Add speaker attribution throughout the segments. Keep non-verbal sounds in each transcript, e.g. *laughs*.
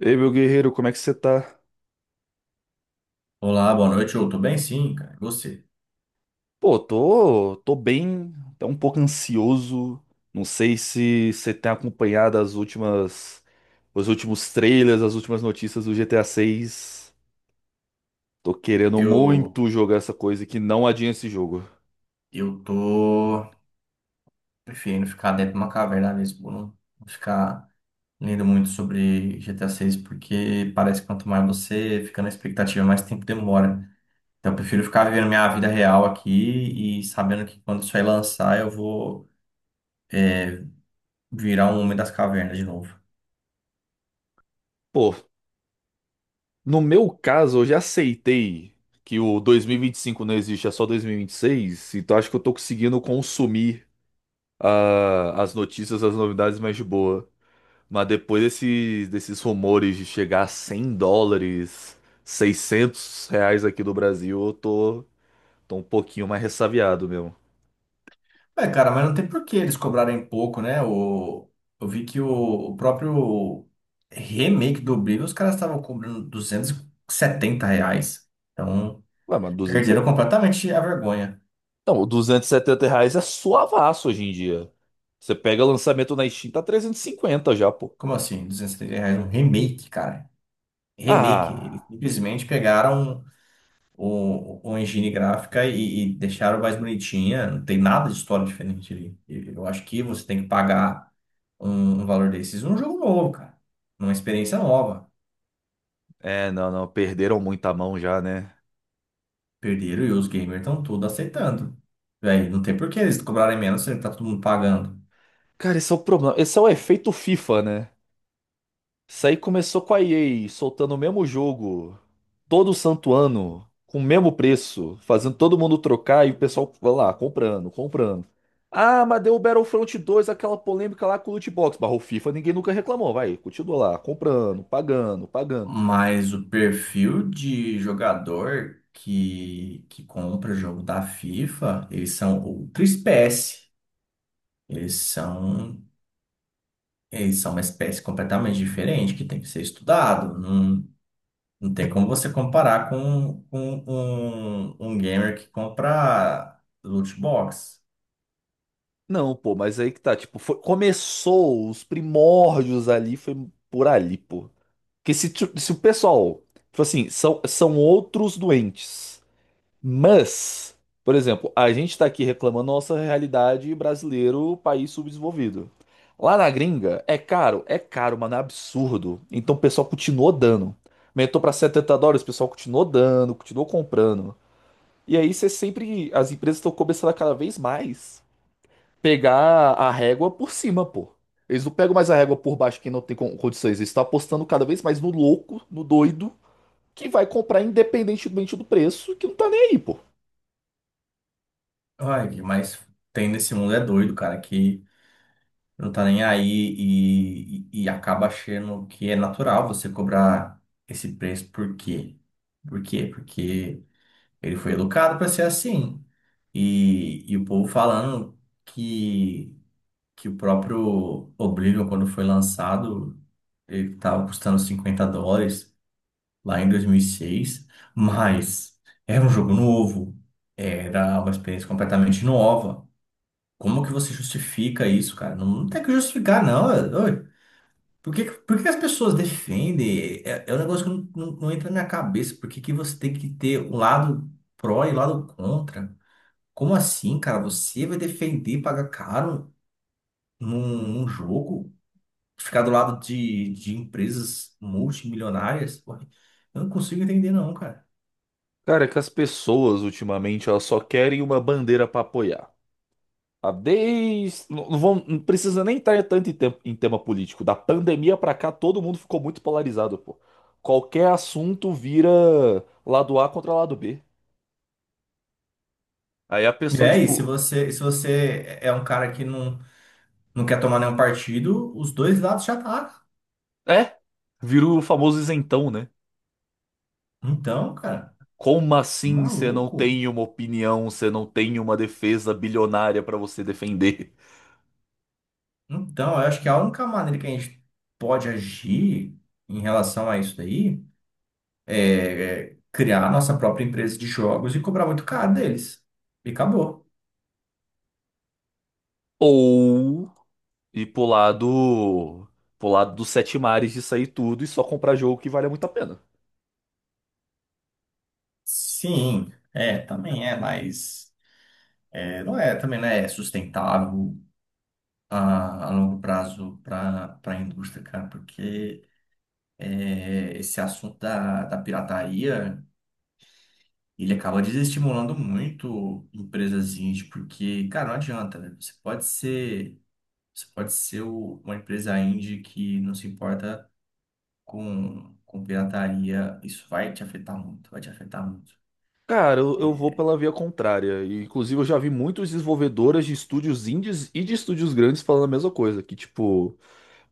Speaker 1: Ei, meu guerreiro, como é que você tá?
Speaker 2: Olá, boa noite. Eu tô bem, sim, cara. E você?
Speaker 1: Pô, tô bem, até um pouco ansioso. Não sei se você tem acompanhado as últimas, os últimos trailers, as últimas notícias do GTA 6. Tô querendo muito
Speaker 2: Eu,
Speaker 1: jogar essa coisa e que não adianta esse jogo.
Speaker 2: eu tô preferindo ficar dentro de uma caverna mesmo, não ficar lendo muito sobre GTA 6, porque parece que quanto mais você fica na expectativa, mais tempo demora. Então, eu prefiro ficar vivendo minha vida real aqui e sabendo que quando isso aí lançar, eu vou, é, virar um homem das cavernas de novo.
Speaker 1: Pô, no meu caso, eu já aceitei que o 2025 não existe, é só 2026, então acho que eu tô conseguindo consumir as notícias, as novidades mais de boa. Mas depois desses rumores de chegar a 100 dólares, 600 reais aqui do Brasil, eu tô um pouquinho mais ressabiado mesmo.
Speaker 2: É, cara, mas não tem por que eles cobrarem pouco, né? Eu vi que o próprio remake do Oblivion, os caras estavam cobrando 270 reais. Então,
Speaker 1: Ué, mas
Speaker 2: perderam
Speaker 1: 270,
Speaker 2: completamente a vergonha.
Speaker 1: não, 270 reais é suavaço hoje em dia. Você pega lançamento na Steam, tá 350 já, pô.
Speaker 2: Como assim? 270 reais um remake, cara. Remake. Eles
Speaker 1: Ah,
Speaker 2: simplesmente pegaram o engine gráfica e deixaram mais bonitinha. Não tem nada de história diferente ali. E eu acho que você tem que pagar um valor desses num jogo novo, cara. Numa experiência nova.
Speaker 1: é, não, não, perderam muita mão já, né?
Speaker 2: Perderam e os gamers estão tudo aceitando. Véi, não tem por que eles cobrarem menos se tá todo mundo pagando.
Speaker 1: Cara, esse é o problema, esse é o efeito FIFA, né? Isso aí começou com a EA soltando o mesmo jogo todo santo ano, com o mesmo preço, fazendo todo mundo trocar e o pessoal vai lá, comprando, comprando. Ah, mas deu o Battlefront 2 aquela polêmica lá com o loot box, barrou FIFA, ninguém nunca reclamou, vai, continua lá, comprando, pagando, pagando.
Speaker 2: Mas o perfil de jogador que compra jogo da FIFA, eles são outra espécie. Eles são, eles são uma espécie completamente diferente que tem que ser estudado. Não, não tem como você comparar com um gamer que compra loot box.
Speaker 1: Não, pô, mas aí que tá, tipo, começou os primórdios ali, foi por ali, pô. Porque se o pessoal, tipo assim, são outros doentes. Mas, por exemplo, a gente está aqui reclamando da nossa realidade brasileiro, país subdesenvolvido. Lá na gringa, é caro, mano, é absurdo. Então o pessoal continuou dando. Aumentou para 70 dólares, o pessoal continuou dando, continuou comprando. E aí você sempre, as empresas estão começando a cada vez mais pegar a régua por cima, pô. Eles não pegam mais a régua por baixo que não tem condições. Eles estão apostando cada vez mais no louco, no doido, que vai comprar independentemente do preço, que não tá nem aí, pô.
Speaker 2: Olha, mas tem nesse mundo é doido, cara, que não tá nem aí e acaba achando que é natural você cobrar esse preço. Por quê? Por quê? Porque ele foi educado para ser assim. E o povo falando que, que o próprio Oblivion, quando foi lançado, ele estava custando US$ 50 lá em 2006, mas era um jogo novo, era uma experiência completamente nova. Como que você justifica isso, cara? Não, não tem que justificar, não. Por que que as pessoas defendem? É, é um negócio que não entra na minha cabeça. Por que que você tem que ter um lado pró e um lado contra? Como assim, cara? Você vai defender pagar caro num jogo? Ficar do lado de empresas multimilionárias? Pô, eu não consigo entender, não, cara.
Speaker 1: Cara, é que as pessoas ultimamente elas só querem uma bandeira pra apoiar. A desde. Não, não precisa nem entrar tanto em tema político. Da pandemia pra cá, todo mundo ficou muito polarizado, pô. Qualquer assunto vira lado A contra lado B. Aí a
Speaker 2: É, e
Speaker 1: pessoa,
Speaker 2: aí, se
Speaker 1: tipo,
Speaker 2: você, se você é um cara que não, não quer tomar nenhum partido, os dois lados já tá.
Speaker 1: é, vira o famoso isentão, né?
Speaker 2: Então, cara,
Speaker 1: Como assim você não
Speaker 2: maluco.
Speaker 1: tem uma opinião, você não tem uma defesa bilionária pra você defender?
Speaker 2: Então, eu acho que a única maneira que a gente pode agir em relação a isso daí é criar a nossa própria empresa de jogos e cobrar muito caro deles. E acabou.
Speaker 1: Ou. E pro lado dos sete mares de sair tudo e só comprar jogo que vale muito a pena.
Speaker 2: Sim, é, também é, mas é, não é, também não é sustentável a longo prazo para a indústria, cara, porque é, esse assunto da pirataria, ele acaba desestimulando muito empresas indie, porque, cara, não adianta, né? Você pode ser uma empresa indie que não se importa com pirataria. Isso vai te afetar muito, vai te afetar muito.
Speaker 1: Cara, eu vou
Speaker 2: É.
Speaker 1: pela via contrária. E, inclusive, eu já vi muitos desenvolvedoras de estúdios indies e de estúdios grandes falando a mesma coisa. Que, tipo,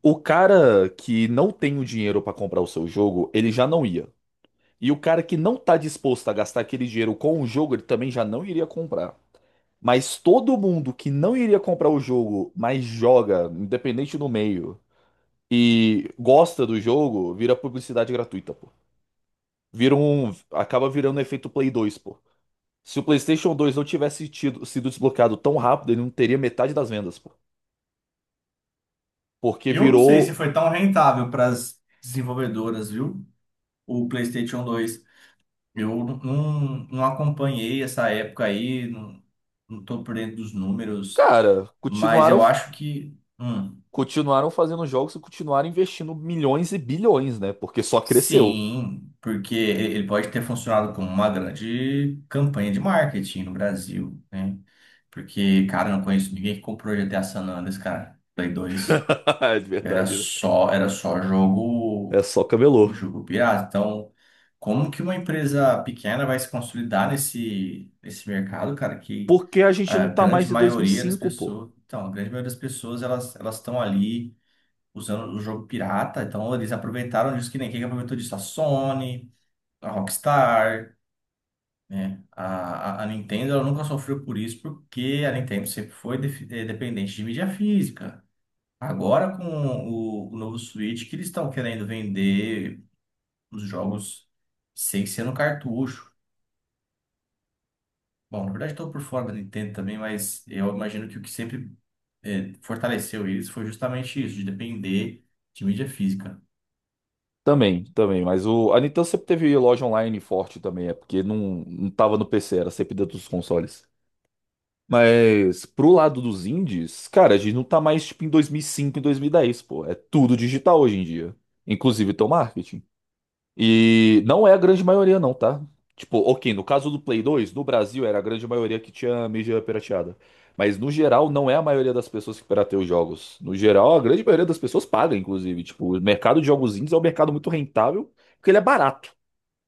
Speaker 1: o cara que não tem o dinheiro pra comprar o seu jogo, ele já não ia. E o cara que não tá disposto a gastar aquele dinheiro com o jogo, ele também já não iria comprar. Mas todo mundo que não iria comprar o jogo, mas joga, independente do meio, e gosta do jogo, vira publicidade gratuita, pô. Vira um, acaba virando um efeito Play 2, pô. Se o PlayStation 2 não tivesse tido, sido desbloqueado tão rápido, ele não teria metade das vendas, pô. Porque
Speaker 2: Eu não sei se
Speaker 1: virou,
Speaker 2: foi tão rentável para as desenvolvedoras, viu? O PlayStation dois, eu não acompanhei essa época aí, não, não tô por dentro dos números,
Speaker 1: cara,
Speaker 2: mas
Speaker 1: continuaram
Speaker 2: eu acho que,
Speaker 1: continuaram fazendo jogos e continuaram investindo milhões e bilhões, né? Porque só cresceu.
Speaker 2: sim, porque ele pode ter funcionado como uma grande campanha de marketing no Brasil, né? Porque, cara, eu não conheço ninguém que comprou GTA San Andreas, cara. Play 2
Speaker 1: *laughs* É de verdade, né?
Speaker 2: era só
Speaker 1: É
Speaker 2: jogo,
Speaker 1: só camelô.
Speaker 2: jogo pirata. Então, como que uma empresa pequena vai se consolidar nesse, nesse mercado, cara, que
Speaker 1: Porque a gente
Speaker 2: a
Speaker 1: não tá
Speaker 2: grande
Speaker 1: mais em dois mil e
Speaker 2: maioria das
Speaker 1: cinco, pô.
Speaker 2: pessoas, então, a grande maioria das pessoas, elas estão ali usando o jogo pirata. Então, eles aproveitaram disso que nem quem que aproveitou disso, a Sony, a Rockstar, né? A Nintendo ela nunca sofreu por isso, porque a Nintendo sempre foi dependente de mídia física. Agora, com o novo Switch, que eles estão querendo vender os jogos sem ser no cartucho. Bom, na verdade, estou por fora da Nintendo também, mas eu imagino que o que sempre fortaleceu eles foi justamente isso, de depender de mídia física.
Speaker 1: Também, também, mas o, a Nintendo sempre teve loja online forte também, é porque não, tava no PC, era sempre dentro dos consoles. Mas pro lado dos indies, cara, a gente não tá mais tipo em 2005, em 2010, pô, é tudo digital hoje em dia, inclusive teu marketing. E não é a grande maioria, não, tá? Tipo, ok, no caso do Play 2, no Brasil era a grande maioria que tinha mídia pirateada. Mas no geral, não é a maioria das pessoas que pirateia os jogos. No geral, a grande maioria das pessoas paga, inclusive. Tipo, o mercado de jogos indies é um mercado muito rentável, porque ele é barato.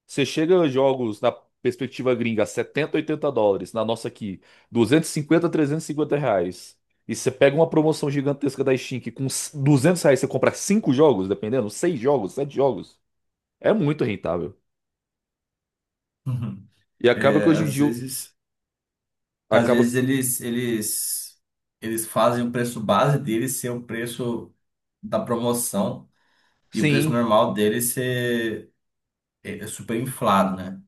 Speaker 1: Você chega a jogos na perspectiva gringa, 70 80 dólares, na nossa aqui, 250 350 reais. E você pega uma promoção gigantesca da Steam, que com 200 reais você compra cinco jogos, dependendo, seis jogos, sete jogos. É muito rentável.
Speaker 2: *laughs*
Speaker 1: E acaba
Speaker 2: É,
Speaker 1: que hoje em dia
Speaker 2: às
Speaker 1: acaba.
Speaker 2: vezes eles fazem o preço base deles ser o preço da promoção e o preço
Speaker 1: Sim.
Speaker 2: normal dele ser é, é super inflado, né?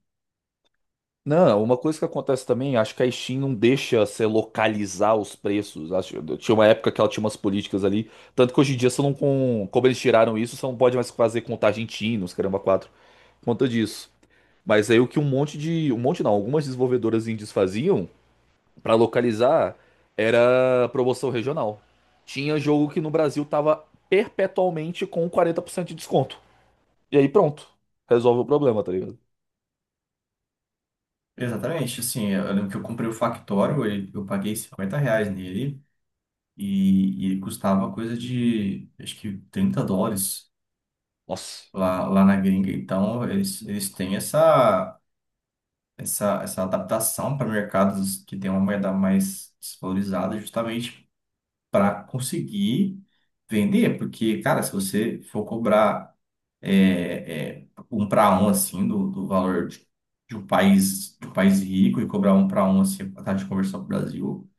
Speaker 1: Não, uma coisa que acontece também, acho que a Steam não deixa você localizar os preços. Acho, tinha uma época que ela tinha umas políticas ali. Tanto que hoje em dia você não como eles tiraram isso, você não pode mais fazer contagem TIM nos caramba 4 por conta disso. Mas aí o que um monte de. Um monte não, algumas desenvolvedoras indies faziam pra localizar era promoção regional. Tinha jogo que no Brasil tava perpetualmente com 40% de desconto. E aí pronto. Resolve o problema, tá ligado?
Speaker 2: Exatamente, assim, eu lembro que eu comprei o Factório, eu paguei R$ 50 nele e ele custava coisa de, acho que US$ 30
Speaker 1: Nossa.
Speaker 2: lá, lá na gringa. Então, eles têm essa adaptação para mercados que tem uma moeda mais desvalorizada justamente para conseguir vender, porque, cara, se você for cobrar é, é, um para um assim do valor de um país rico e cobrar um para um assim a taxa de conversão para o Brasil,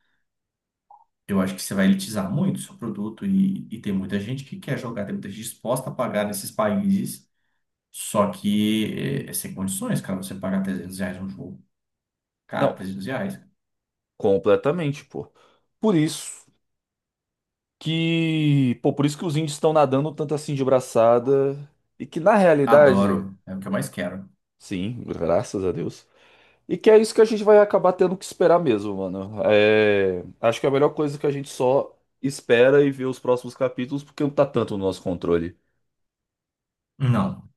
Speaker 2: eu acho que você vai elitizar muito o seu produto e tem muita gente que quer jogar, tem muita gente disposta a pagar nesses países, só que é, é sem condições, cara, você pagar 300 reais um jogo. Cara,
Speaker 1: Não,
Speaker 2: 300 reais.
Speaker 1: completamente, pô. Por isso que, pô, por isso que os índios estão nadando tanto assim de braçada e que na realidade,
Speaker 2: Adoro, é o que eu mais quero.
Speaker 1: sim, graças a Deus. E que é isso que a gente vai acabar tendo que esperar mesmo, mano. É, acho que é a melhor coisa que a gente só espera e vê os próximos capítulos porque não tá tanto no nosso controle.
Speaker 2: Não,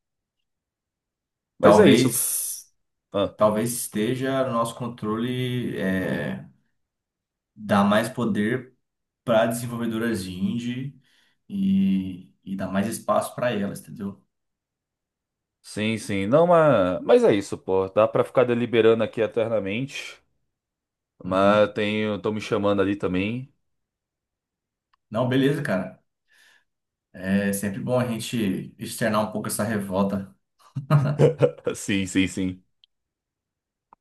Speaker 1: Mas é isso.
Speaker 2: talvez...
Speaker 1: Ah,
Speaker 2: Talvez esteja no nosso controle é, dar mais poder para desenvolvedoras indie e dar mais espaço para elas, entendeu?
Speaker 1: sim, sim. Não, mas é isso, pô. Dá pra ficar deliberando aqui eternamente, mas
Speaker 2: Uhum.
Speaker 1: tenho, estão me chamando ali também.
Speaker 2: Não, beleza, cara. É sempre bom a gente externar um pouco essa revolta.
Speaker 1: *laughs* Sim, sim, sim.